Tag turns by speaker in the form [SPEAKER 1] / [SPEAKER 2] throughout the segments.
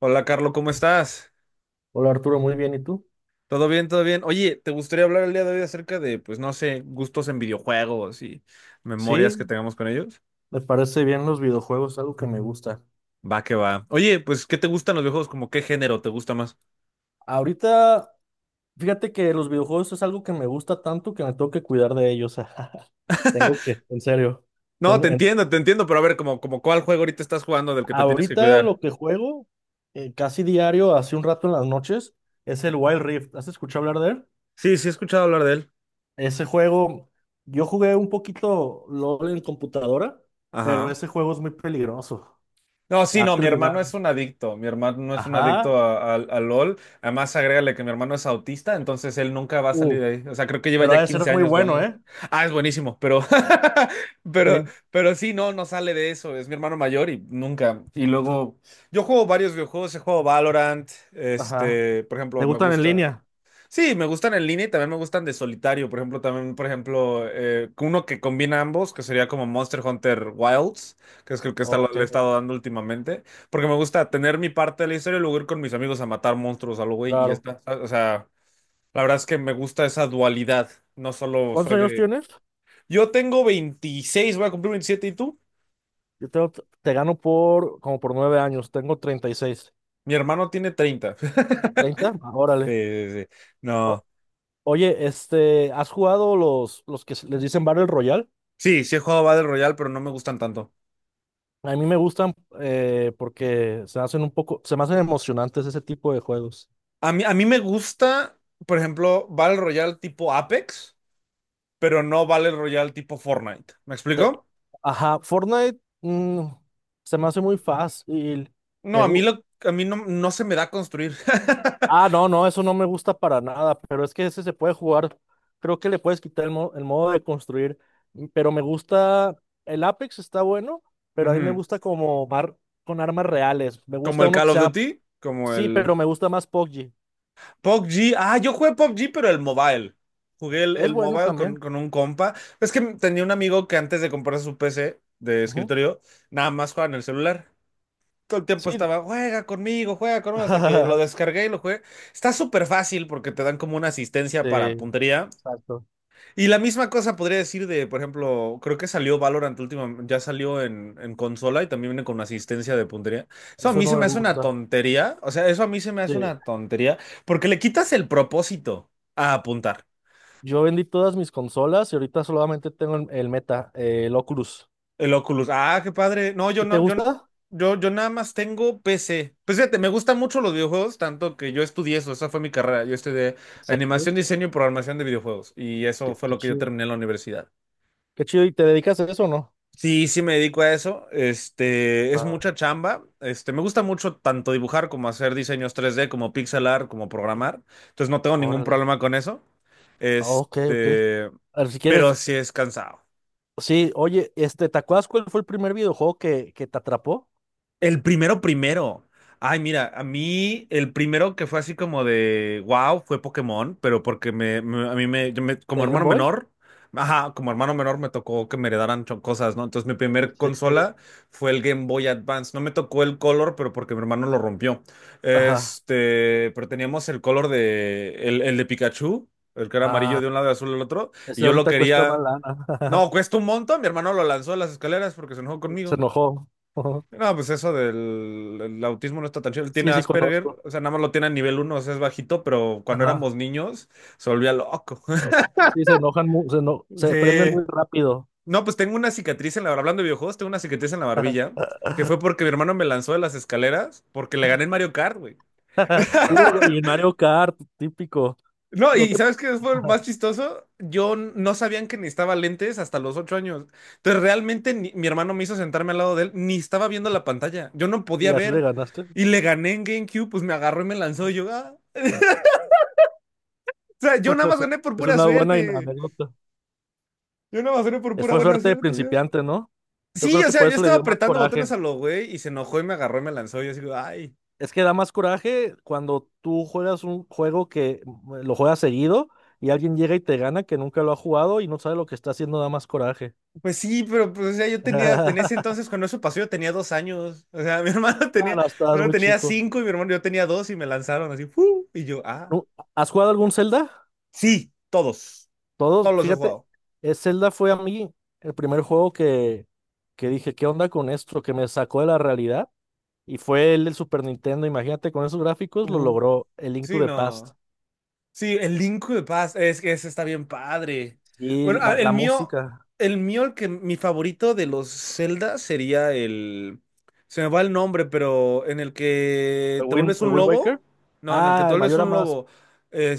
[SPEAKER 1] Hola, Carlos, ¿cómo estás?
[SPEAKER 2] Hola Arturo, muy bien, ¿y tú?
[SPEAKER 1] ¿Todo bien? ¿Todo bien? Oye, ¿te gustaría hablar el día de hoy acerca de, pues no sé, gustos en videojuegos y memorias que
[SPEAKER 2] Sí,
[SPEAKER 1] tengamos con ellos?
[SPEAKER 2] me parece bien los videojuegos, algo que me gusta.
[SPEAKER 1] Va que va. Oye, pues, ¿qué te gustan los videojuegos? ¿Como qué género te gusta más?
[SPEAKER 2] Ahorita, fíjate que los videojuegos es algo que me gusta tanto que me tengo que cuidar de ellos. Tengo que, en serio.
[SPEAKER 1] No,
[SPEAKER 2] Tengo, en-
[SPEAKER 1] te entiendo, pero a ver, como cuál juego ahorita estás jugando del que te tienes que
[SPEAKER 2] Ahorita
[SPEAKER 1] cuidar.
[SPEAKER 2] lo que juego casi diario, hace un rato en las noches, es el Wild Rift. ¿Has escuchado hablar de él?
[SPEAKER 1] Sí, sí he escuchado hablar de él.
[SPEAKER 2] Ese juego, yo jugué un poquito LOL en computadora, pero
[SPEAKER 1] Ajá.
[SPEAKER 2] ese juego es muy peligroso.
[SPEAKER 1] No, sí,
[SPEAKER 2] Ha
[SPEAKER 1] no, mi hermano
[SPEAKER 2] terminado.
[SPEAKER 1] es un adicto, mi hermano es un
[SPEAKER 2] Ajá.
[SPEAKER 1] adicto a LOL, además agrégale que mi hermano es autista, entonces él nunca va a salir
[SPEAKER 2] Uh,
[SPEAKER 1] de ahí, o sea, creo que lleva
[SPEAKER 2] pero ha
[SPEAKER 1] ya
[SPEAKER 2] de ser
[SPEAKER 1] 15
[SPEAKER 2] muy
[SPEAKER 1] años
[SPEAKER 2] bueno,
[SPEAKER 1] jugando.
[SPEAKER 2] ¿eh?
[SPEAKER 1] Ah, es buenísimo, pero, pero, pero sí, no, no sale de eso, es mi hermano mayor y nunca. Y luego, yo juego varios videojuegos, he jugado Valorant,
[SPEAKER 2] Ajá.
[SPEAKER 1] este, por
[SPEAKER 2] ¿Te
[SPEAKER 1] ejemplo, me
[SPEAKER 2] gustan en
[SPEAKER 1] gusta.
[SPEAKER 2] línea?
[SPEAKER 1] Sí, me gustan en línea y también me gustan de solitario. Por ejemplo, también, por ejemplo, uno que combina ambos, que sería como Monster Hunter Wilds, que es el que le
[SPEAKER 2] Ok,
[SPEAKER 1] he estado dando últimamente. Porque me gusta tener mi parte de la historia y luego ir con mis amigos a matar monstruos algo, güey. Y ya
[SPEAKER 2] claro.
[SPEAKER 1] está. O sea, la verdad es que me gusta esa dualidad. No solo
[SPEAKER 2] ¿Cuántos
[SPEAKER 1] soy
[SPEAKER 2] años
[SPEAKER 1] de.
[SPEAKER 2] tienes?
[SPEAKER 1] Yo tengo 26, voy a cumplir 27, ¿y tú?
[SPEAKER 2] Yo tengo, te gano por como por 9 años. Tengo 36.
[SPEAKER 1] Mi hermano tiene 30.
[SPEAKER 2] ¿30? Ah,
[SPEAKER 1] Sí,
[SPEAKER 2] órale.
[SPEAKER 1] sí, sí. No.
[SPEAKER 2] Oye, este, ¿has jugado los que se- les dicen Battle Royale?
[SPEAKER 1] Sí, sí he jugado Battle Royale, pero no me gustan tanto.
[SPEAKER 2] A mí me gustan porque se hacen un poco, se me hacen emocionantes ese tipo de juegos.
[SPEAKER 1] A mí me gusta, por ejemplo, Battle Royale tipo Apex, pero no Battle Royale tipo Fortnite. ¿Me
[SPEAKER 2] Te-
[SPEAKER 1] explico?
[SPEAKER 2] Ajá, Fortnite se me hace muy fácil.
[SPEAKER 1] No,
[SPEAKER 2] Me,
[SPEAKER 1] a mí,
[SPEAKER 2] gu-
[SPEAKER 1] lo, a mí no, no se me da construir.
[SPEAKER 2] Ah, no, no, eso no me gusta para nada, pero es que ese se puede jugar. Creo que le puedes quitar el, el modo de construir, pero me gusta, el Apex está bueno, pero a mí me
[SPEAKER 1] Ujú.
[SPEAKER 2] gusta con armas reales. Me
[SPEAKER 1] Como
[SPEAKER 2] gusta
[SPEAKER 1] el
[SPEAKER 2] uno que
[SPEAKER 1] Call of
[SPEAKER 2] sea,
[SPEAKER 1] Duty, como
[SPEAKER 2] sí,
[SPEAKER 1] el
[SPEAKER 2] pero me gusta más PUBG.
[SPEAKER 1] PUBG. Ah, yo jugué PUBG, pero el mobile. Jugué el,
[SPEAKER 2] Es
[SPEAKER 1] el
[SPEAKER 2] bueno
[SPEAKER 1] mobile con,
[SPEAKER 2] también.
[SPEAKER 1] con un compa. Es que tenía un amigo que antes de comprarse su PC de
[SPEAKER 2] Ujú.
[SPEAKER 1] escritorio, nada más jugaba en el celular. Todo el tiempo
[SPEAKER 2] Sí.
[SPEAKER 1] estaba, juega conmigo, hasta que lo descargué y lo jugué. Está súper fácil porque te dan como una asistencia para
[SPEAKER 2] Sí,
[SPEAKER 1] puntería.
[SPEAKER 2] exacto.
[SPEAKER 1] Y la misma cosa podría decir de, por ejemplo, creo que salió Valorant último ya salió en consola y también viene con una asistencia de puntería. Eso a
[SPEAKER 2] Eso
[SPEAKER 1] mí se
[SPEAKER 2] no me
[SPEAKER 1] me hace una
[SPEAKER 2] gusta.
[SPEAKER 1] tontería, o sea, eso a mí se me
[SPEAKER 2] Sí.
[SPEAKER 1] hace una tontería porque le quitas el propósito a apuntar.
[SPEAKER 2] Yo vendí todas mis consolas y ahorita solamente tengo el Meta, el Oculus.
[SPEAKER 1] El Oculus. Ah, qué padre. No, yo
[SPEAKER 2] ¿Y te
[SPEAKER 1] no, yo,
[SPEAKER 2] gusta?
[SPEAKER 1] yo, yo nada más tengo PC. Pues fíjate, me gustan mucho los videojuegos, tanto que yo estudié eso, esa fue mi carrera. Yo estudié
[SPEAKER 2] Sí.
[SPEAKER 1] animación, diseño y programación de videojuegos. Y eso
[SPEAKER 2] Qué,
[SPEAKER 1] fue
[SPEAKER 2] qué
[SPEAKER 1] lo que yo
[SPEAKER 2] chido.
[SPEAKER 1] terminé en la universidad.
[SPEAKER 2] Qué chido. ¿Y te dedicas a eso o no?
[SPEAKER 1] Sí, sí me dedico a eso. Este, es
[SPEAKER 2] Ah,
[SPEAKER 1] mucha chamba. Este, me gusta mucho tanto dibujar como hacer diseños 3D como pixel art, como programar. Entonces no tengo ningún
[SPEAKER 2] órale.
[SPEAKER 1] problema con eso.
[SPEAKER 2] Ah, ok, ok.
[SPEAKER 1] Este,
[SPEAKER 2] A ver, si quieres,
[SPEAKER 1] pero sí es cansado.
[SPEAKER 2] sí, oye, este, ¿te acuerdas cuál fue el primer videojuego que te atrapó
[SPEAKER 1] El primero primero. Ay, mira, a mí el primero que fue así como de wow fue Pokémon, pero porque me- a mí me, yo me- como
[SPEAKER 2] de Game
[SPEAKER 1] hermano
[SPEAKER 2] Boy?
[SPEAKER 1] menor, ajá, como hermano menor me tocó que me heredaran cosas, ¿no? Entonces mi primer
[SPEAKER 2] Sí.
[SPEAKER 1] consola fue el Game Boy Advance. No me tocó el Color, pero porque mi hermano lo rompió.
[SPEAKER 2] Ajá.
[SPEAKER 1] Este, pero teníamos el Color de el de Pikachu, el que era amarillo
[SPEAKER 2] Ah,
[SPEAKER 1] de un lado y azul del otro, y
[SPEAKER 2] ese
[SPEAKER 1] yo lo
[SPEAKER 2] ahorita cuesta más
[SPEAKER 1] quería.
[SPEAKER 2] lana.
[SPEAKER 1] No, cuesta un montón. Mi hermano lo lanzó a las escaleras porque se enojó
[SPEAKER 2] Se
[SPEAKER 1] conmigo.
[SPEAKER 2] enojó.
[SPEAKER 1] No, pues eso del el autismo no está tan chido. Él tiene
[SPEAKER 2] Sí, sí
[SPEAKER 1] Asperger,
[SPEAKER 2] conozco.
[SPEAKER 1] o sea, nada más lo tiene a nivel 1, o sea, es bajito, pero cuando
[SPEAKER 2] Ajá.
[SPEAKER 1] éramos niños se volvía loco.
[SPEAKER 2] Sí, se enojan, se prenden
[SPEAKER 1] Sí.
[SPEAKER 2] muy rápido.
[SPEAKER 1] No, pues tengo una cicatriz en la, hablando de videojuegos, tengo una cicatriz en la barbilla, que fue porque mi hermano me lanzó de las escaleras porque le gané en Mario Kart, güey.
[SPEAKER 2] Y el Mario Kart, típico.
[SPEAKER 1] No,
[SPEAKER 2] Lo
[SPEAKER 1] y
[SPEAKER 2] te-
[SPEAKER 1] ¿sabes qué fue lo más chistoso? No sabían que necesitaba lentes hasta los 8 años. Entonces realmente mi hermano me hizo sentarme al lado de él, ni estaba viendo la pantalla. Yo no podía
[SPEAKER 2] Y así le
[SPEAKER 1] ver.
[SPEAKER 2] ganaste.
[SPEAKER 1] Y le gané en GameCube, pues me agarró y me lanzó y yo, ah. O sea, yo nada más gané por
[SPEAKER 2] Es
[SPEAKER 1] pura
[SPEAKER 2] una buena
[SPEAKER 1] suerte.
[SPEAKER 2] anécdota.
[SPEAKER 1] Yo nada más gané por pura
[SPEAKER 2] Fue
[SPEAKER 1] buena
[SPEAKER 2] suerte de
[SPEAKER 1] suerte, ya.
[SPEAKER 2] principiante, ¿no? Yo
[SPEAKER 1] Sí,
[SPEAKER 2] creo
[SPEAKER 1] o
[SPEAKER 2] que
[SPEAKER 1] sea,
[SPEAKER 2] por
[SPEAKER 1] yo
[SPEAKER 2] eso le
[SPEAKER 1] estaba
[SPEAKER 2] dio más
[SPEAKER 1] apretando
[SPEAKER 2] coraje.
[SPEAKER 1] botones a lo güey y se enojó y me agarró y me lanzó. Y yo así, ay,
[SPEAKER 2] Es que da más coraje cuando tú juegas un juego que lo juegas seguido y alguien llega y te gana que nunca lo ha jugado y no sabe lo que está haciendo, da más coraje.
[SPEAKER 1] pues sí, pero pues, o sea, yo tenía, en ese entonces, cuando eso pasó, yo tenía 2 años. O sea, mi hermano
[SPEAKER 2] Ah,
[SPEAKER 1] tenía, mi
[SPEAKER 2] no, estabas
[SPEAKER 1] hermano
[SPEAKER 2] muy
[SPEAKER 1] tenía
[SPEAKER 2] chico.
[SPEAKER 1] cinco y mi hermano yo tenía dos y me lanzaron así, ¡fu! Y yo, ah,
[SPEAKER 2] Nu- ¿Has jugado algún Zelda?
[SPEAKER 1] sí, todos.
[SPEAKER 2] Todos,
[SPEAKER 1] Todos los he
[SPEAKER 2] fíjate,
[SPEAKER 1] jugado.
[SPEAKER 2] Zelda fue a mí el primer juego que dije, ¿qué onda con esto? Que me sacó de la realidad. Y fue el del Super Nintendo. Imagínate, con esos gráficos lo
[SPEAKER 1] Uh,
[SPEAKER 2] logró el Link to
[SPEAKER 1] Sí,
[SPEAKER 2] the Past.
[SPEAKER 1] no. Sí, el Link de Paz, es que ese está bien padre.
[SPEAKER 2] Y
[SPEAKER 1] Bueno,
[SPEAKER 2] la,
[SPEAKER 1] el
[SPEAKER 2] la
[SPEAKER 1] mío,
[SPEAKER 2] música.
[SPEAKER 1] el que mi favorito de los Zelda sería el. Se me va el nombre, pero en el que te vuelves
[SPEAKER 2] El
[SPEAKER 1] un
[SPEAKER 2] Wind
[SPEAKER 1] lobo.
[SPEAKER 2] Waker?
[SPEAKER 1] No, en el que
[SPEAKER 2] Ah,
[SPEAKER 1] te
[SPEAKER 2] el
[SPEAKER 1] vuelves
[SPEAKER 2] Mayor
[SPEAKER 1] un
[SPEAKER 2] Mask.
[SPEAKER 1] lobo.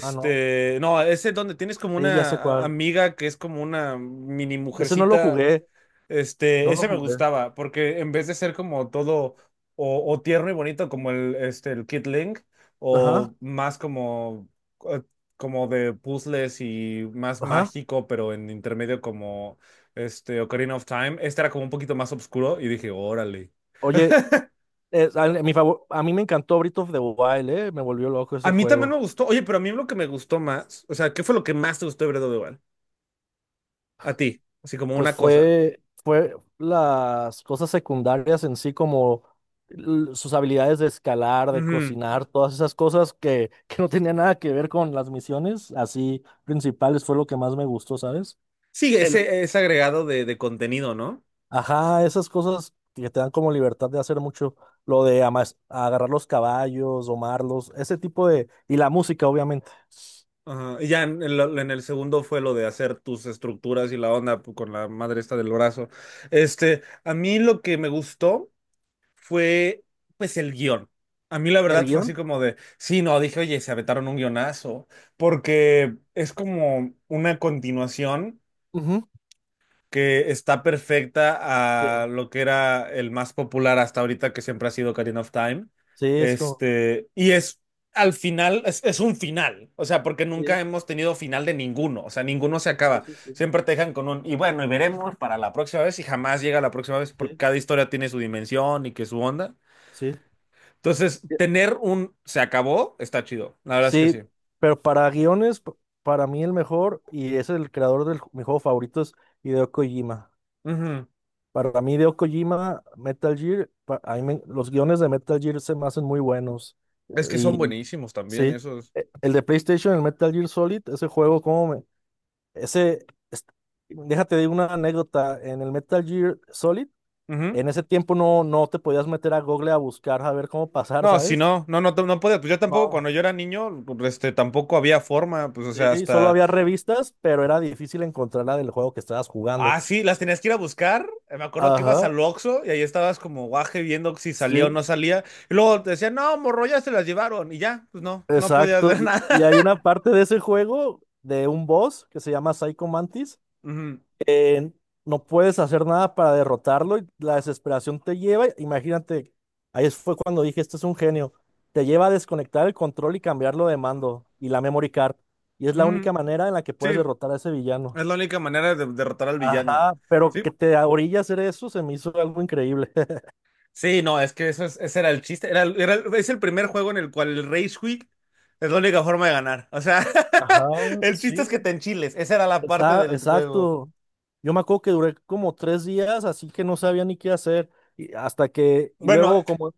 [SPEAKER 2] Ah, no.
[SPEAKER 1] No, ese donde tienes como
[SPEAKER 2] Sí, ya
[SPEAKER 1] una
[SPEAKER 2] sé cuál.
[SPEAKER 1] amiga que es como una mini
[SPEAKER 2] Ese no lo
[SPEAKER 1] mujercita.
[SPEAKER 2] jugué, no
[SPEAKER 1] Este,
[SPEAKER 2] lo
[SPEAKER 1] ese me
[SPEAKER 2] jugué.
[SPEAKER 1] gustaba, porque en vez de ser como todo o tierno y bonito como el Kid Link,
[SPEAKER 2] Ajá,
[SPEAKER 1] o más eh, como de puzzles y más
[SPEAKER 2] ajá.
[SPEAKER 1] mágico, pero en intermedio como este Ocarina of Time, este era como un poquito más oscuro y dije, órale.
[SPEAKER 2] Oye, a mí me encantó Breath of the Wild, me volvió loco ese
[SPEAKER 1] A mí también me
[SPEAKER 2] juego.
[SPEAKER 1] gustó, oye, pero a mí lo que me gustó más, o sea, ¿qué fue lo que más te gustó de Breath of the Wild? A ti, así como
[SPEAKER 2] Pues
[SPEAKER 1] una cosa.
[SPEAKER 2] fue las cosas secundarias en sí, como sus habilidades de escalar, de
[SPEAKER 1] Ujú.
[SPEAKER 2] cocinar, todas esas cosas que, que no tenían nada que ver con las misiones, así principales, fue lo que más me gustó, ¿sabes?
[SPEAKER 1] Sí,
[SPEAKER 2] El
[SPEAKER 1] ese agregado de, contenido, ¿no?
[SPEAKER 2] Ajá, esas cosas que te dan como libertad de hacer mucho, lo de agarrar los caballos, domarlos, ese tipo de... Y la música, obviamente.
[SPEAKER 1] Ajá, y ya en el segundo fue lo de hacer tus estructuras y la onda con la madre esta del brazo. Este, a mí lo que me gustó fue, pues, el guión. A mí la
[SPEAKER 2] ¿El
[SPEAKER 1] verdad fue así
[SPEAKER 2] guión?
[SPEAKER 1] como de, sí, no, dije, oye, se aventaron un guionazo, porque es como una continuación
[SPEAKER 2] Ujú.
[SPEAKER 1] que está perfecta a
[SPEAKER 2] Sí,
[SPEAKER 1] lo que era el más popular hasta ahorita, que siempre ha sido Ocarina of Time.
[SPEAKER 2] sí, es como...
[SPEAKER 1] Este, y es al final, es un final, o sea, porque nunca
[SPEAKER 2] Sí,
[SPEAKER 1] hemos tenido final de ninguno, o sea, ninguno se
[SPEAKER 2] sí,
[SPEAKER 1] acaba.
[SPEAKER 2] sí, sí,
[SPEAKER 1] Siempre te dejan con un, y bueno, y veremos para la próxima vez, y jamás llega la próxima vez, porque
[SPEAKER 2] sí,
[SPEAKER 1] cada historia tiene su dimensión y que su onda. Entonces,
[SPEAKER 2] sí.
[SPEAKER 1] tener un se acabó está chido, la verdad es que sí.
[SPEAKER 2] Sí, pero para guiones, para mí el mejor, y es el creador de mi juego favorito, es Hideo Kojima.
[SPEAKER 1] Ujú.
[SPEAKER 2] Para mí, Hideo Kojima, Metal Gear, los guiones de Metal Gear se me hacen muy buenos.
[SPEAKER 1] Es que son buenísimos también
[SPEAKER 2] Sí,
[SPEAKER 1] esos.
[SPEAKER 2] el de PlayStation, el Metal Gear Solid, ese juego, como me... Ese, déjate de una anécdota, en el Metal Gear Solid, en ese tiempo no te podías meter a Google a buscar, a ver cómo pasar,
[SPEAKER 1] No, si
[SPEAKER 2] ¿sabes?
[SPEAKER 1] no, no, no, no podía. Pues yo tampoco,
[SPEAKER 2] No.
[SPEAKER 1] cuando yo era niño, pues, este, tampoco había forma. Pues, o sea,
[SPEAKER 2] Sí, solo
[SPEAKER 1] hasta.
[SPEAKER 2] había revistas, pero era difícil encontrar la del juego que estabas jugando.
[SPEAKER 1] Ah, sí, las tenías que ir a buscar. Me acuerdo que ibas
[SPEAKER 2] Ajá,
[SPEAKER 1] al Oxxo y ahí estabas como guaje viendo si salía o
[SPEAKER 2] sí,
[SPEAKER 1] no salía. Y luego te decían, no, morro, ya se las llevaron. Y ya, pues no, no podías
[SPEAKER 2] exacto.
[SPEAKER 1] hacer
[SPEAKER 2] Y
[SPEAKER 1] nada.
[SPEAKER 2] hay una parte de ese juego, de un boss que se llama Psycho Mantis,
[SPEAKER 1] Ujú,
[SPEAKER 2] eh, no puedes hacer nada para derrotarlo y la desesperación te lleva, imagínate, ahí fue cuando dije, esto es un genio, te lleva a desconectar el control y cambiarlo de mando y la memory card. Y es la única
[SPEAKER 1] ujú.
[SPEAKER 2] manera en la que puedes
[SPEAKER 1] Sí,
[SPEAKER 2] derrotar a ese
[SPEAKER 1] es
[SPEAKER 2] villano.
[SPEAKER 1] la única manera de derrotar al villano.
[SPEAKER 2] Ajá, pero
[SPEAKER 1] Sí,
[SPEAKER 2] que te orilla a hacer eso se me hizo algo increíble.
[SPEAKER 1] sí, no, es que ese era el chiste. Es el primer juego en el cual el Rage Quit es la única forma de ganar. O sea,
[SPEAKER 2] Ajá,
[SPEAKER 1] el chiste es que
[SPEAKER 2] sí.
[SPEAKER 1] te enchiles. Esa era la parte del juego.
[SPEAKER 2] Exacto. Yo me acuerdo que duré como 3 días, así que no sabía ni qué hacer. Y hasta que, y
[SPEAKER 1] Bueno,
[SPEAKER 2] luego como,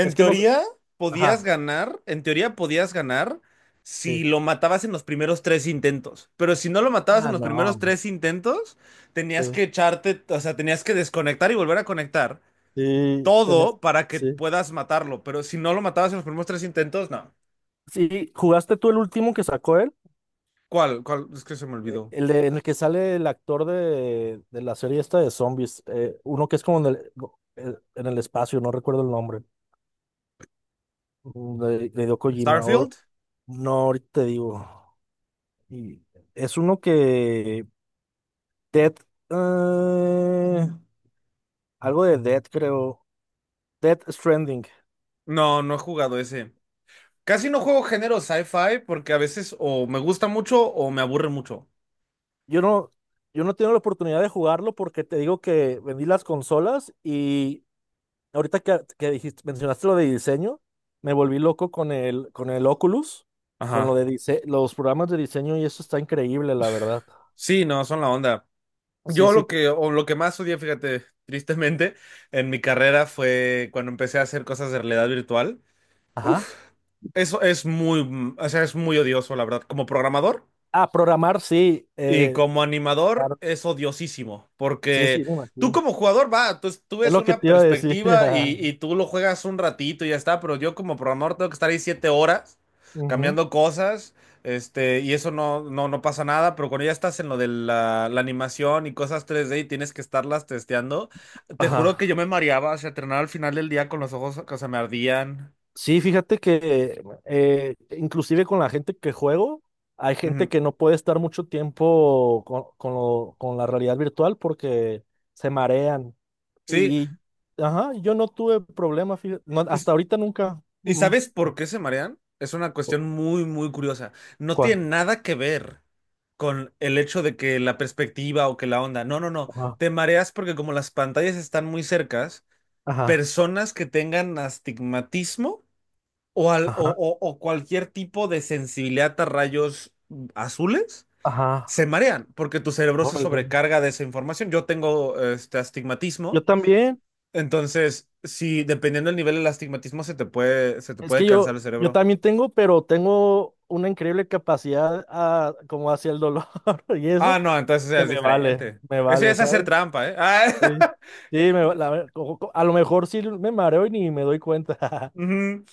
[SPEAKER 2] es que no,
[SPEAKER 1] teoría podías
[SPEAKER 2] ajá,
[SPEAKER 1] ganar, en teoría podías ganar si
[SPEAKER 2] sí,
[SPEAKER 1] lo matabas en los primeros tres intentos. Pero si no lo matabas en
[SPEAKER 2] Ah,
[SPEAKER 1] los primeros
[SPEAKER 2] no.
[SPEAKER 1] tres intentos, tenías
[SPEAKER 2] Sí.
[SPEAKER 1] que echarte, o sea, tenías que desconectar y volver a conectar
[SPEAKER 2] Sí,
[SPEAKER 1] todo para que
[SPEAKER 2] sí.
[SPEAKER 1] puedas matarlo. Pero si no lo matabas en los primeros tres intentos, no.
[SPEAKER 2] Sí, ¿jugaste tú el último que sacó él?
[SPEAKER 1] ¿Cuál? ¿Cuál? Es que se me olvidó.
[SPEAKER 2] En el que sale el actor de la serie esta de zombies, uno que es como en el espacio, no recuerdo el nombre, de Hideo Kojima,
[SPEAKER 1] ¿Starfield?
[SPEAKER 2] no, ahorita te digo. Y es uno que, Dead, eh, algo de Dead creo, Dead Stranding.
[SPEAKER 1] No, no he jugado ese. Casi no juego género sci-fi porque a veces o me gusta mucho o me aburre mucho.
[SPEAKER 2] Yo no, yo, no tengo la oportunidad de jugarlo porque te digo que vendí las consolas y ahorita que dijiste, mencionaste lo de diseño, me volví loco con el Oculus, con lo
[SPEAKER 1] Ajá.
[SPEAKER 2] de los programas de diseño y eso está increíble, la verdad.
[SPEAKER 1] Sí, no, son la onda.
[SPEAKER 2] Sí,
[SPEAKER 1] Yo lo
[SPEAKER 2] sí.
[SPEAKER 1] que, o lo que más odié, fíjate, tristemente, en mi carrera fue cuando empecé a hacer cosas de realidad virtual.
[SPEAKER 2] Ajá.
[SPEAKER 1] Eso es muy, o sea, es muy odioso, la verdad. Como programador,
[SPEAKER 2] Ah, programar, sí.
[SPEAKER 1] y como animador
[SPEAKER 2] Claro.
[SPEAKER 1] es odiosísimo,
[SPEAKER 2] Sí,
[SPEAKER 1] porque
[SPEAKER 2] sí, me
[SPEAKER 1] tú
[SPEAKER 2] imagino.
[SPEAKER 1] como jugador, va, tú
[SPEAKER 2] Es
[SPEAKER 1] ves
[SPEAKER 2] lo que
[SPEAKER 1] una
[SPEAKER 2] te iba a decir.
[SPEAKER 1] perspectiva y, y tú lo juegas un ratito y ya está, pero yo como programador tengo que estar ahí 7 horas
[SPEAKER 2] Ujú.
[SPEAKER 1] cambiando cosas, este, y eso no, no, no pasa nada, pero cuando ya estás en lo de la, animación y cosas 3D y tienes que estarlas testeando, te juro que yo me
[SPEAKER 2] Ajá.
[SPEAKER 1] mareaba, o sea, terminaba al final del día con los ojos que se me ardían.
[SPEAKER 2] Sí, fíjate que inclusive con la gente que juego, hay gente
[SPEAKER 1] Ujú.
[SPEAKER 2] que no puede estar mucho tiempo con, con la realidad virtual porque se marean.
[SPEAKER 1] Sí.
[SPEAKER 2] Y, ajá, yo no tuve problemas, fíjate, no, hasta ahorita nunca.
[SPEAKER 1] ¿Y
[SPEAKER 2] Mm.
[SPEAKER 1] sabes por qué se marean? Es una cuestión muy, muy curiosa. No
[SPEAKER 2] ¿Cuál?
[SPEAKER 1] tiene nada que ver con el hecho de que la perspectiva o que la onda. No, no, no.
[SPEAKER 2] Ajá,
[SPEAKER 1] Te mareas porque como las pantallas están muy cercas,
[SPEAKER 2] ajá,
[SPEAKER 1] personas que tengan astigmatismo o, al-
[SPEAKER 2] ajá,
[SPEAKER 1] o cualquier tipo de sensibilidad a rayos azules
[SPEAKER 2] ajá,
[SPEAKER 1] se marean porque tu cerebro se
[SPEAKER 2] órale.
[SPEAKER 1] sobrecarga de esa información. Yo tengo este
[SPEAKER 2] Yo
[SPEAKER 1] astigmatismo,
[SPEAKER 2] también,
[SPEAKER 1] entonces si dependiendo del nivel del astigmatismo se te puede se te
[SPEAKER 2] es
[SPEAKER 1] puede
[SPEAKER 2] que yo,
[SPEAKER 1] cansar el
[SPEAKER 2] yo
[SPEAKER 1] cerebro.
[SPEAKER 2] también tengo, pero tengo una increíble capacidad a, como hacia el dolor y
[SPEAKER 1] Ah,
[SPEAKER 2] eso,
[SPEAKER 1] no, entonces
[SPEAKER 2] que
[SPEAKER 1] es diferente.
[SPEAKER 2] me
[SPEAKER 1] Eso ya
[SPEAKER 2] vale,
[SPEAKER 1] es hacer
[SPEAKER 2] ¿sabes?
[SPEAKER 1] trampa, ¿eh?
[SPEAKER 2] Sí, sí, me va- la ver- co- co- a lo mejor sí me mareo y ni me doy cuenta,
[SPEAKER 1] Ujú.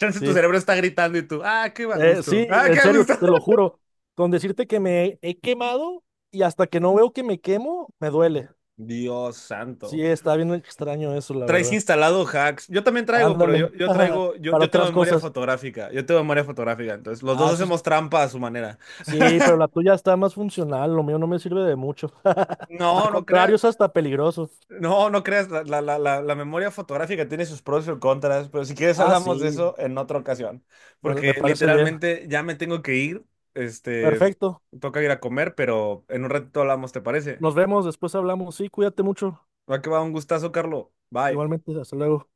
[SPEAKER 1] Chance tu
[SPEAKER 2] sí.
[SPEAKER 1] cerebro está gritando y tú, ah, qué a
[SPEAKER 2] Sí,
[SPEAKER 1] gusto, ah,
[SPEAKER 2] en
[SPEAKER 1] qué a
[SPEAKER 2] serio,
[SPEAKER 1] gusto.
[SPEAKER 2] te lo juro. Con decirte que me he quemado y hasta que no veo que me quemo, me duele.
[SPEAKER 1] Dios
[SPEAKER 2] Sí,
[SPEAKER 1] santo.
[SPEAKER 2] está bien extraño eso, la
[SPEAKER 1] Traes
[SPEAKER 2] verdad.
[SPEAKER 1] instalado hacks. Yo también traigo, pero
[SPEAKER 2] Ándale,
[SPEAKER 1] yo traigo, yo,
[SPEAKER 2] para
[SPEAKER 1] yo tengo
[SPEAKER 2] otras
[SPEAKER 1] memoria
[SPEAKER 2] cosas.
[SPEAKER 1] fotográfica. Yo tengo memoria fotográfica. Entonces, los
[SPEAKER 2] Ah,
[SPEAKER 1] dos
[SPEAKER 2] eso es-
[SPEAKER 1] hacemos trampa a su manera.
[SPEAKER 2] Sí, pero la tuya está más funcional, lo mío no me sirve de mucho. Al
[SPEAKER 1] No, no
[SPEAKER 2] contrario,
[SPEAKER 1] creas.
[SPEAKER 2] es hasta peligroso.
[SPEAKER 1] No, no creas, la memoria fotográfica tiene sus pros y sus contras, pero si quieres
[SPEAKER 2] Ah, sí,
[SPEAKER 1] hablamos de eso en otra ocasión,
[SPEAKER 2] me
[SPEAKER 1] porque
[SPEAKER 2] me parece bien.
[SPEAKER 1] literalmente ya me tengo que ir, este,
[SPEAKER 2] Perfecto.
[SPEAKER 1] toca ir a comer, pero en un ratito hablamos, ¿te parece?
[SPEAKER 2] Nos vemos, después hablamos. Sí, cuídate mucho.
[SPEAKER 1] Va que va, un gustazo, Carlo. Bye.
[SPEAKER 2] Igualmente, hasta luego.